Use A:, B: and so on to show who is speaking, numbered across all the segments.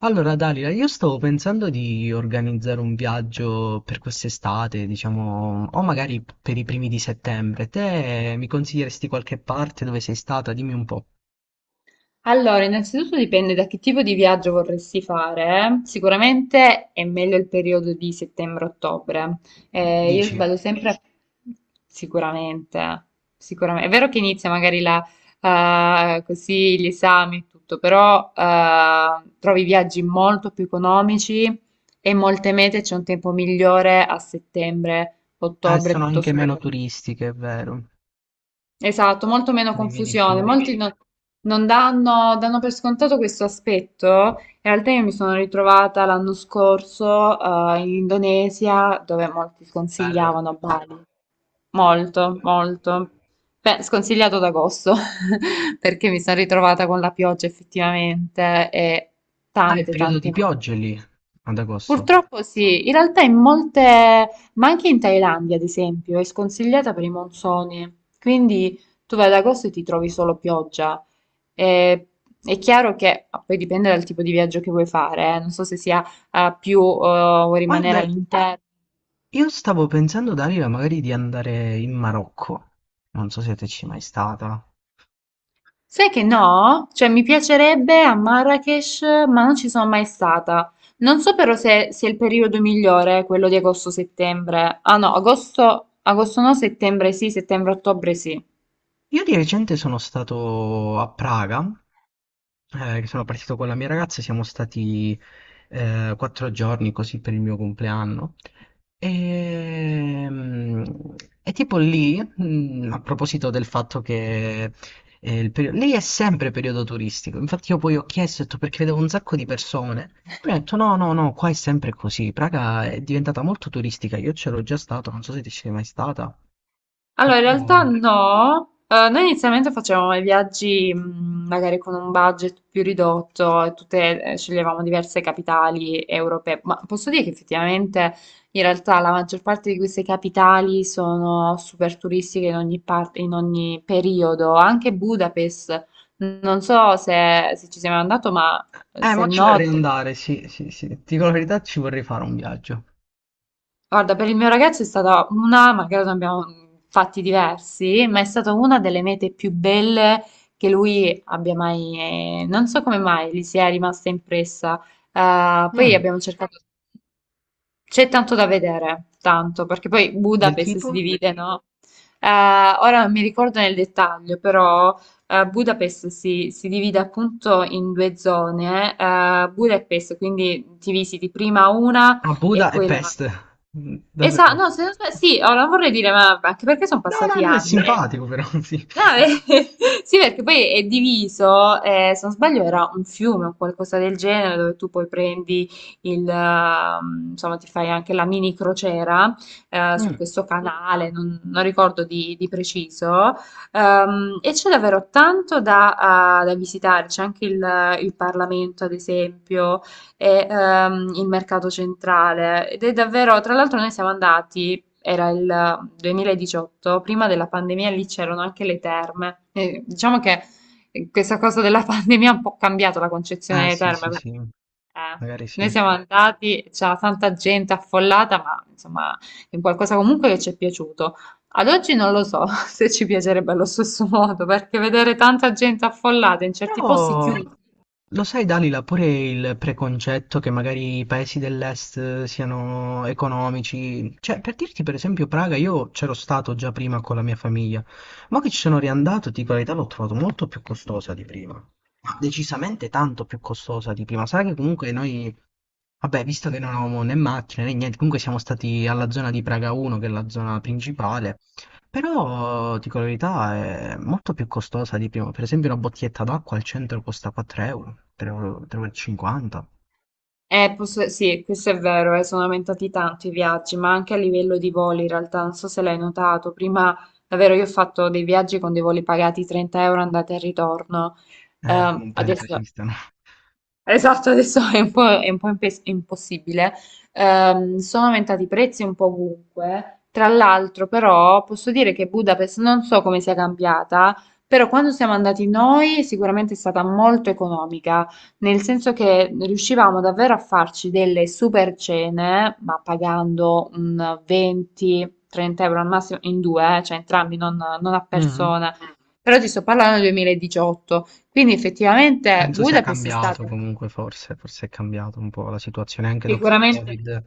A: Allora, Dalila, io stavo pensando di organizzare un viaggio per quest'estate, diciamo, o magari per i primi di settembre. Te mi consiglieresti qualche parte dove sei stata? Dimmi un po'.
B: Allora, innanzitutto dipende da che tipo di viaggio vorresti fare. Sicuramente è meglio il periodo di settembre-ottobre. Io
A: Dici?
B: sbaglio sempre, sicuramente, sicuramente. È vero che inizia magari la, così gli esami e tutto, però trovi viaggi molto più economici e in molte mete c'è un tempo migliore a
A: Ah,
B: settembre-ottobre
A: sono anche
B: piuttosto che ad
A: meno
B: agosto.
A: turistiche, è vero.
B: Esatto, molto meno
A: Te li vedi
B: confusione.
A: più.
B: Molti, quindi, non danno, danno per scontato questo aspetto. In realtà io mi sono ritrovata l'anno scorso, in Indonesia, dove molti
A: Bello.
B: sconsigliavano Bali. Molto, molto. Beh, sconsigliato ad agosto, perché mi sono ritrovata con la pioggia effettivamente e
A: Ah, è
B: tante,
A: periodo di
B: tante.
A: piogge lì, ad agosto.
B: Purtroppo sì, in realtà in molte, ma anche in Thailandia ad esempio, è sconsigliata per i monsoni, quindi tu vai ad agosto e ti trovi solo pioggia. E- è chiaro che poi dipende dal tipo di viaggio che vuoi fare. Non so se sia più, vuoi rimanere
A: Guarda,
B: all'interno.
A: io stavo pensando, Dalila, magari di andare in Marocco. Non so se te ci sei mai stata.
B: Sai che no? Cioè mi piacerebbe a Marrakesh, ma non ci sono mai stata. Non so però se sia il periodo migliore, quello di agosto-settembre. Ah no, agosto, agosto no, settembre sì, settembre-ottobre sì.
A: Io di recente sono stato a Praga, che sono partito con la mia ragazza, siamo stati 4 giorni così per il mio compleanno. Ehm, E, tipo lì, mm, a proposito del fatto che lì è sempre periodo turistico, infatti io poi ho chiesto, ho detto, perché vedevo un sacco di persone, poi ho detto no, no, no, qua è sempre così, Praga è diventata molto turistica, io c'ero già stato, non so se ti sei mai stata,
B: Allora, in realtà
A: però...
B: no. Noi inizialmente facevamo i viaggi, magari con un budget più ridotto, e tutte, sceglievamo diverse capitali europee, ma posso dire che effettivamente in realtà la maggior parte di queste capitali sono super turistiche in ogni parte, in ogni periodo, anche Budapest. Non so se ci sei mai andato, ma se...
A: Ma ci vorrei
B: no...
A: andare, sì, sì, sì. Ti dico la verità, ci vorrei fare un viaggio.
B: Guarda, per il mio ragazzo è stata una, magari ne abbiamo fatti diversi, ma è stata una delle mete più belle che lui abbia mai, non so come mai, gli sia rimasta impressa. Poi
A: Mm.
B: abbiamo cercato, c'è tanto da vedere, tanto, perché poi
A: Del
B: Budapest si
A: tipo?
B: divide, no? Ora non mi ricordo nel dettaglio, però Budapest si divide appunto in due zone. Budapest, quindi ti visiti prima una
A: A
B: e
A: Buda e
B: poi la...
A: Pest. Mm,
B: Esatto,
A: davvero.
B: no, se non sbaglio, sì, oh, non vorrei dire, ma anche perché sono
A: No, no,
B: passati
A: no, è
B: anni.
A: simpatico però, sì.
B: No, sì, perché poi è diviso, se non sbaglio era un fiume o qualcosa del genere, dove tu poi prendi il, insomma, ti fai anche la mini crociera, su
A: Mm.
B: questo canale, non ricordo di preciso, e c'è davvero tanto da visitare, c'è anche il Parlamento, ad esempio, e il mercato centrale, ed è davvero, tra l'altro noi siamo andati, era il 2018. Prima della pandemia lì c'erano anche le terme. E diciamo che questa cosa della pandemia ha un po' cambiato la concezione delle
A: Sì, sì,
B: terme,
A: sì.
B: perché eh,
A: Magari sì.
B: noi siamo andati, c'era tanta gente affollata, ma insomma è un qualcosa comunque che ci è piaciuto. Ad oggi non lo so se ci piacerebbe allo stesso modo, perché vedere tanta gente affollata in certi posti
A: Però,
B: chiusi...
A: lo sai, Dalila, pure il preconcetto che magari i paesi dell'est siano economici. Cioè, per dirti, per esempio, Praga, io c'ero stato già prima con la mia famiglia, ma che ci sono riandato, ti dico la verità, l'ho trovato molto più costosa di prima. Ma decisamente tanto più costosa di prima. Sai che comunque noi, vabbè, visto che non avevamo né macchine né niente, comunque siamo stati alla zona di Praga 1, che è la zona principale, però, dico la verità, è molto più costosa di prima. Per esempio una bottiglietta d'acqua al centro costa 4 euro, 3,50 euro. Tre euro e cinquanta.
B: Sì, questo è vero, sono aumentati tanto i viaggi, ma anche a livello di voli in realtà, non so se l'hai notato, prima davvero io ho fatto dei viaggi con dei voli pagati 30 euro andata e ritorno.
A: Non penso
B: Adesso
A: esistano.
B: Esatto, adesso è un po', impossibile. Sono aumentati i prezzi un po' ovunque. Tra l'altro, però, posso dire che Budapest non so come sia cambiata, però quando siamo andati noi sicuramente è stata molto economica, nel senso che riuscivamo davvero a farci delle super cene, ma pagando un 20-30 euro al massimo in due, cioè entrambi, non a
A: Mm.
B: persona. Però ti sto parlando del 2018. Quindi effettivamente
A: Penso sia
B: Budapest è
A: cambiato
B: stata...
A: comunque, forse, forse è cambiato un po' la situazione anche dopo il
B: sicuramente,
A: Covid,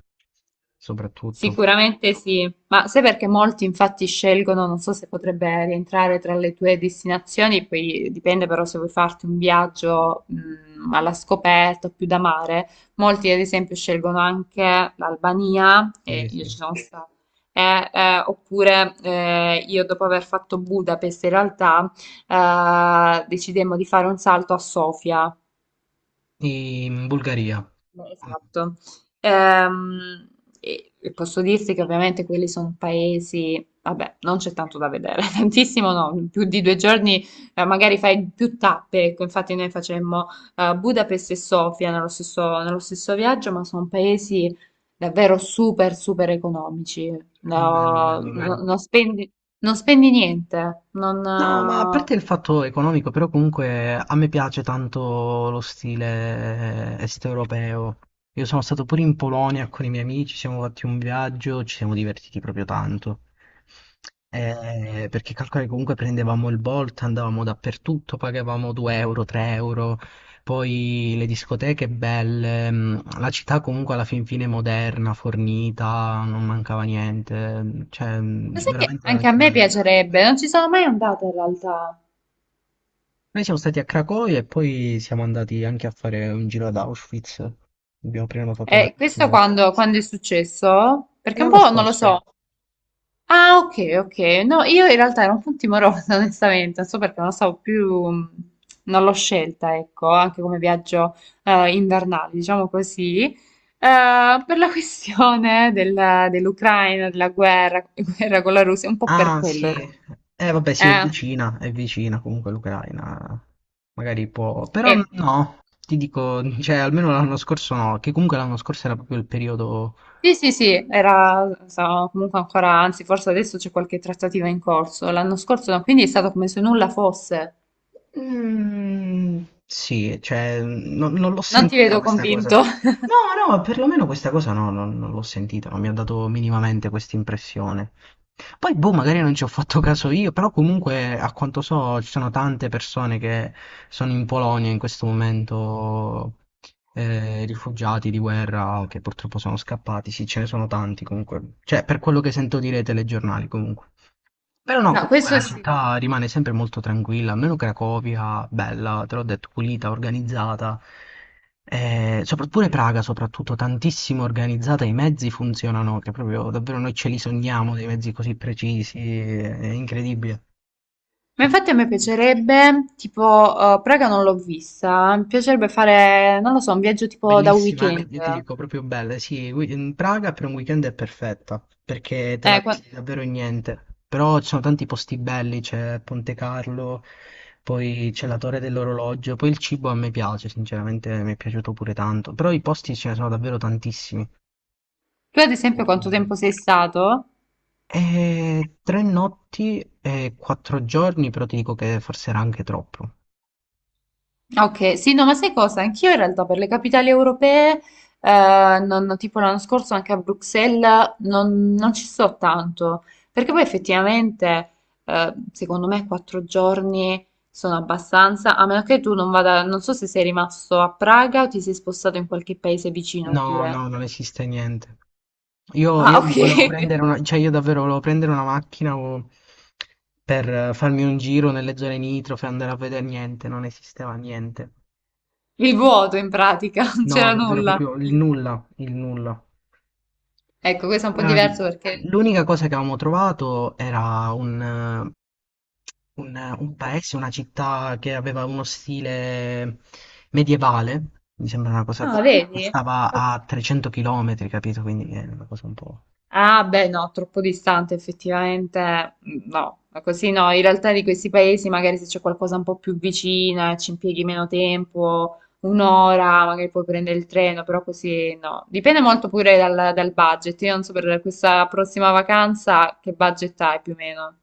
A: soprattutto.
B: sicuramente sì, ma sai perché molti infatti scelgono, non so se potrebbe rientrare tra le tue destinazioni, poi dipende però se vuoi farti un viaggio, alla scoperta o più da mare, molti ad esempio scelgono anche l'Albania, e
A: Sì,
B: io ci
A: sì.
B: sono stata, e, oppure io dopo aver fatto Budapest in realtà decidemmo di fare un salto a Sofia.
A: In Bulgaria.
B: Beh, esatto. Ehm, e posso dirti che ovviamente quelli sono paesi, vabbè, non c'è tanto da vedere, tantissimo no, più di 2 giorni, magari fai più tappe, ecco, infatti noi facemmo Budapest e Sofia nello stesso viaggio, ma sono paesi davvero super, super economici,
A: Bello,
B: no,
A: bello
B: beh,
A: però.
B: non spendi niente, non...
A: No, ma a parte il fatto economico, però comunque a me piace tanto lo stile est-europeo. Io sono stato pure in Polonia con i miei amici, siamo fatti un viaggio, ci siamo divertiti proprio tanto. Perché calcola che comunque prendevamo il Bolt, andavamo dappertutto, pagavamo 2 euro, 3 euro, poi le discoteche belle, mm, la città comunque alla fin fine moderna, fornita, non mancava niente, cioè
B: Ma
A: mm,
B: sai che
A: veramente
B: anche a
A: veramente
B: me
A: bello.
B: piacerebbe, non ci sono mai andata in realtà.
A: Noi siamo stati a Cracovia e poi siamo andati anche a fare un giro ad Auschwitz. Abbiamo prenotato la
B: Questo
A: visita.
B: quando è successo?
A: E
B: Perché un
A: l'anno
B: po' non lo
A: scorso.
B: so. Ah, ok, ok. No, io in realtà ero un po' timorosa, onestamente, non so perché non lo so più, non l'ho scelta, ecco, anche come viaggio invernale, diciamo così. Per la questione dell'Ucraina, della guerra, guerra con la Russia, un po' per
A: Ah,
B: quello, in
A: sì. Vabbè, sì,
B: realtà. Eh,
A: è vicina comunque l'Ucraina. Magari può... Però
B: eh,
A: no, ti dico, cioè, almeno l'anno scorso no, che comunque l'anno scorso era proprio il periodo.
B: sì, sì, sì, era, so, comunque ancora, anzi, forse adesso c'è qualche trattativa in corso. L'anno scorso, no, quindi è stato come se nulla fosse.
A: Mm, sì, cioè, non l'ho
B: Non ti
A: sentita
B: vedo
A: questa cosa.
B: convinto.
A: No, no, perlomeno questa cosa no, non l'ho sentita, non mi ha dato minimamente questa impressione. Poi, boh, magari non ci ho fatto caso io, però comunque, a quanto so, ci sono tante persone che sono in Polonia in questo momento, rifugiati di guerra o che purtroppo sono scappati. Sì, ce ne sono tanti comunque. Cioè, per quello che sento dire ai telegiornali, comunque. Però no,
B: No,
A: comunque
B: questo
A: la
B: sì.
A: città rimane sempre molto tranquilla, almeno Cracovia, bella, te l'ho detto, pulita, organizzata. Pure Praga soprattutto, tantissimo organizzata, i mezzi funzionano, che proprio davvero noi ce li sogniamo, dei mezzi così precisi, è incredibile.
B: Ma infatti a
A: Precisi.
B: me piacerebbe, tipo, Praga non l'ho vista, mi piacerebbe fare, non lo so, un viaggio tipo da
A: Bellissima,
B: weekend.
A: io ti dico proprio bella, sì, in Praga per un weekend è perfetta, perché te
B: Eh,
A: la
B: qua-
A: visiti davvero in niente, però ci sono tanti posti belli, c'è Ponte Carlo, poi c'è la Torre dell'Orologio, poi il cibo a me piace, sinceramente mi è piaciuto pure tanto, però i posti ce ne sono davvero tantissimi.
B: Tu ad esempio
A: Molto
B: quanto
A: bello.
B: tempo sei stato?
A: E 3 notti e 4 giorni, però ti dico che forse era anche troppo.
B: Ok, sì, no, ma sai cosa? Anch'io in realtà per le capitali europee, tipo l'anno scorso anche a Bruxelles, non ci sto tanto, perché poi effettivamente, secondo me, 4 giorni sono abbastanza, a meno che tu non vada, non so se sei rimasto a Praga o ti sei spostato in qualche paese vicino
A: No,
B: pure.
A: no, non esiste niente. Io,
B: Ah,
A: io
B: ok,
A: volevo prendere una, cioè io davvero volevo prendere una macchina per farmi un giro nelle zone nitrofe, andare a vedere niente, non esisteva niente.
B: il vuoto in pratica, non
A: No,
B: c'era
A: davvero
B: nulla.
A: proprio il nulla, il nulla.
B: Ecco, questo è un po' diverso
A: Ehm,
B: perché...
A: L'unica cosa che avevamo trovato era un paese, una città che aveva uno stile medievale, mi sembra una cosa
B: Ah,
A: così, che
B: vedi?
A: stava
B: Ok.
A: a 300 km, capito? Quindi è una cosa un po'...
B: Ah, beh, no, troppo distante effettivamente, no, ma così no, in realtà di questi paesi magari se c'è qualcosa un po' più vicina, ci impieghi meno tempo, un'ora, magari puoi prendere il treno, però così no, dipende molto pure dal budget, io non so per questa prossima vacanza che budget hai più o meno,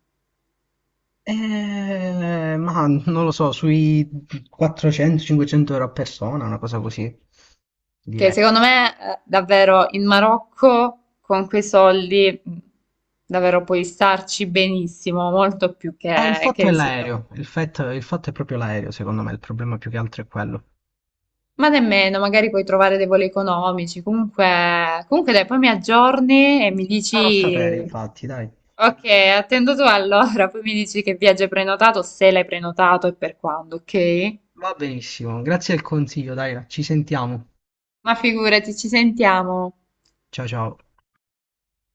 A: Ma non lo so, sui 400-500 € a persona, una cosa così,
B: che
A: direi.
B: secondo me davvero in Marocco con quei soldi, davvero puoi starci benissimo, molto più
A: Il
B: che,
A: fatto è
B: rispetto a...
A: l'aereo, il fatto è proprio l'aereo, secondo me, il problema più che altro è quello.
B: Ma nemmeno, magari puoi trovare dei voli economici. Comunque dai, poi mi aggiorni e mi
A: Sì, ti farò sapere,
B: dici,
A: infatti, dai.
B: ok, attendo tu allora, poi mi dici che viaggio hai prenotato, se l'hai prenotato e per quando, ok?
A: Va benissimo, grazie del consiglio, dai, ci sentiamo.
B: Ma figurati, ci sentiamo.
A: Ciao ciao.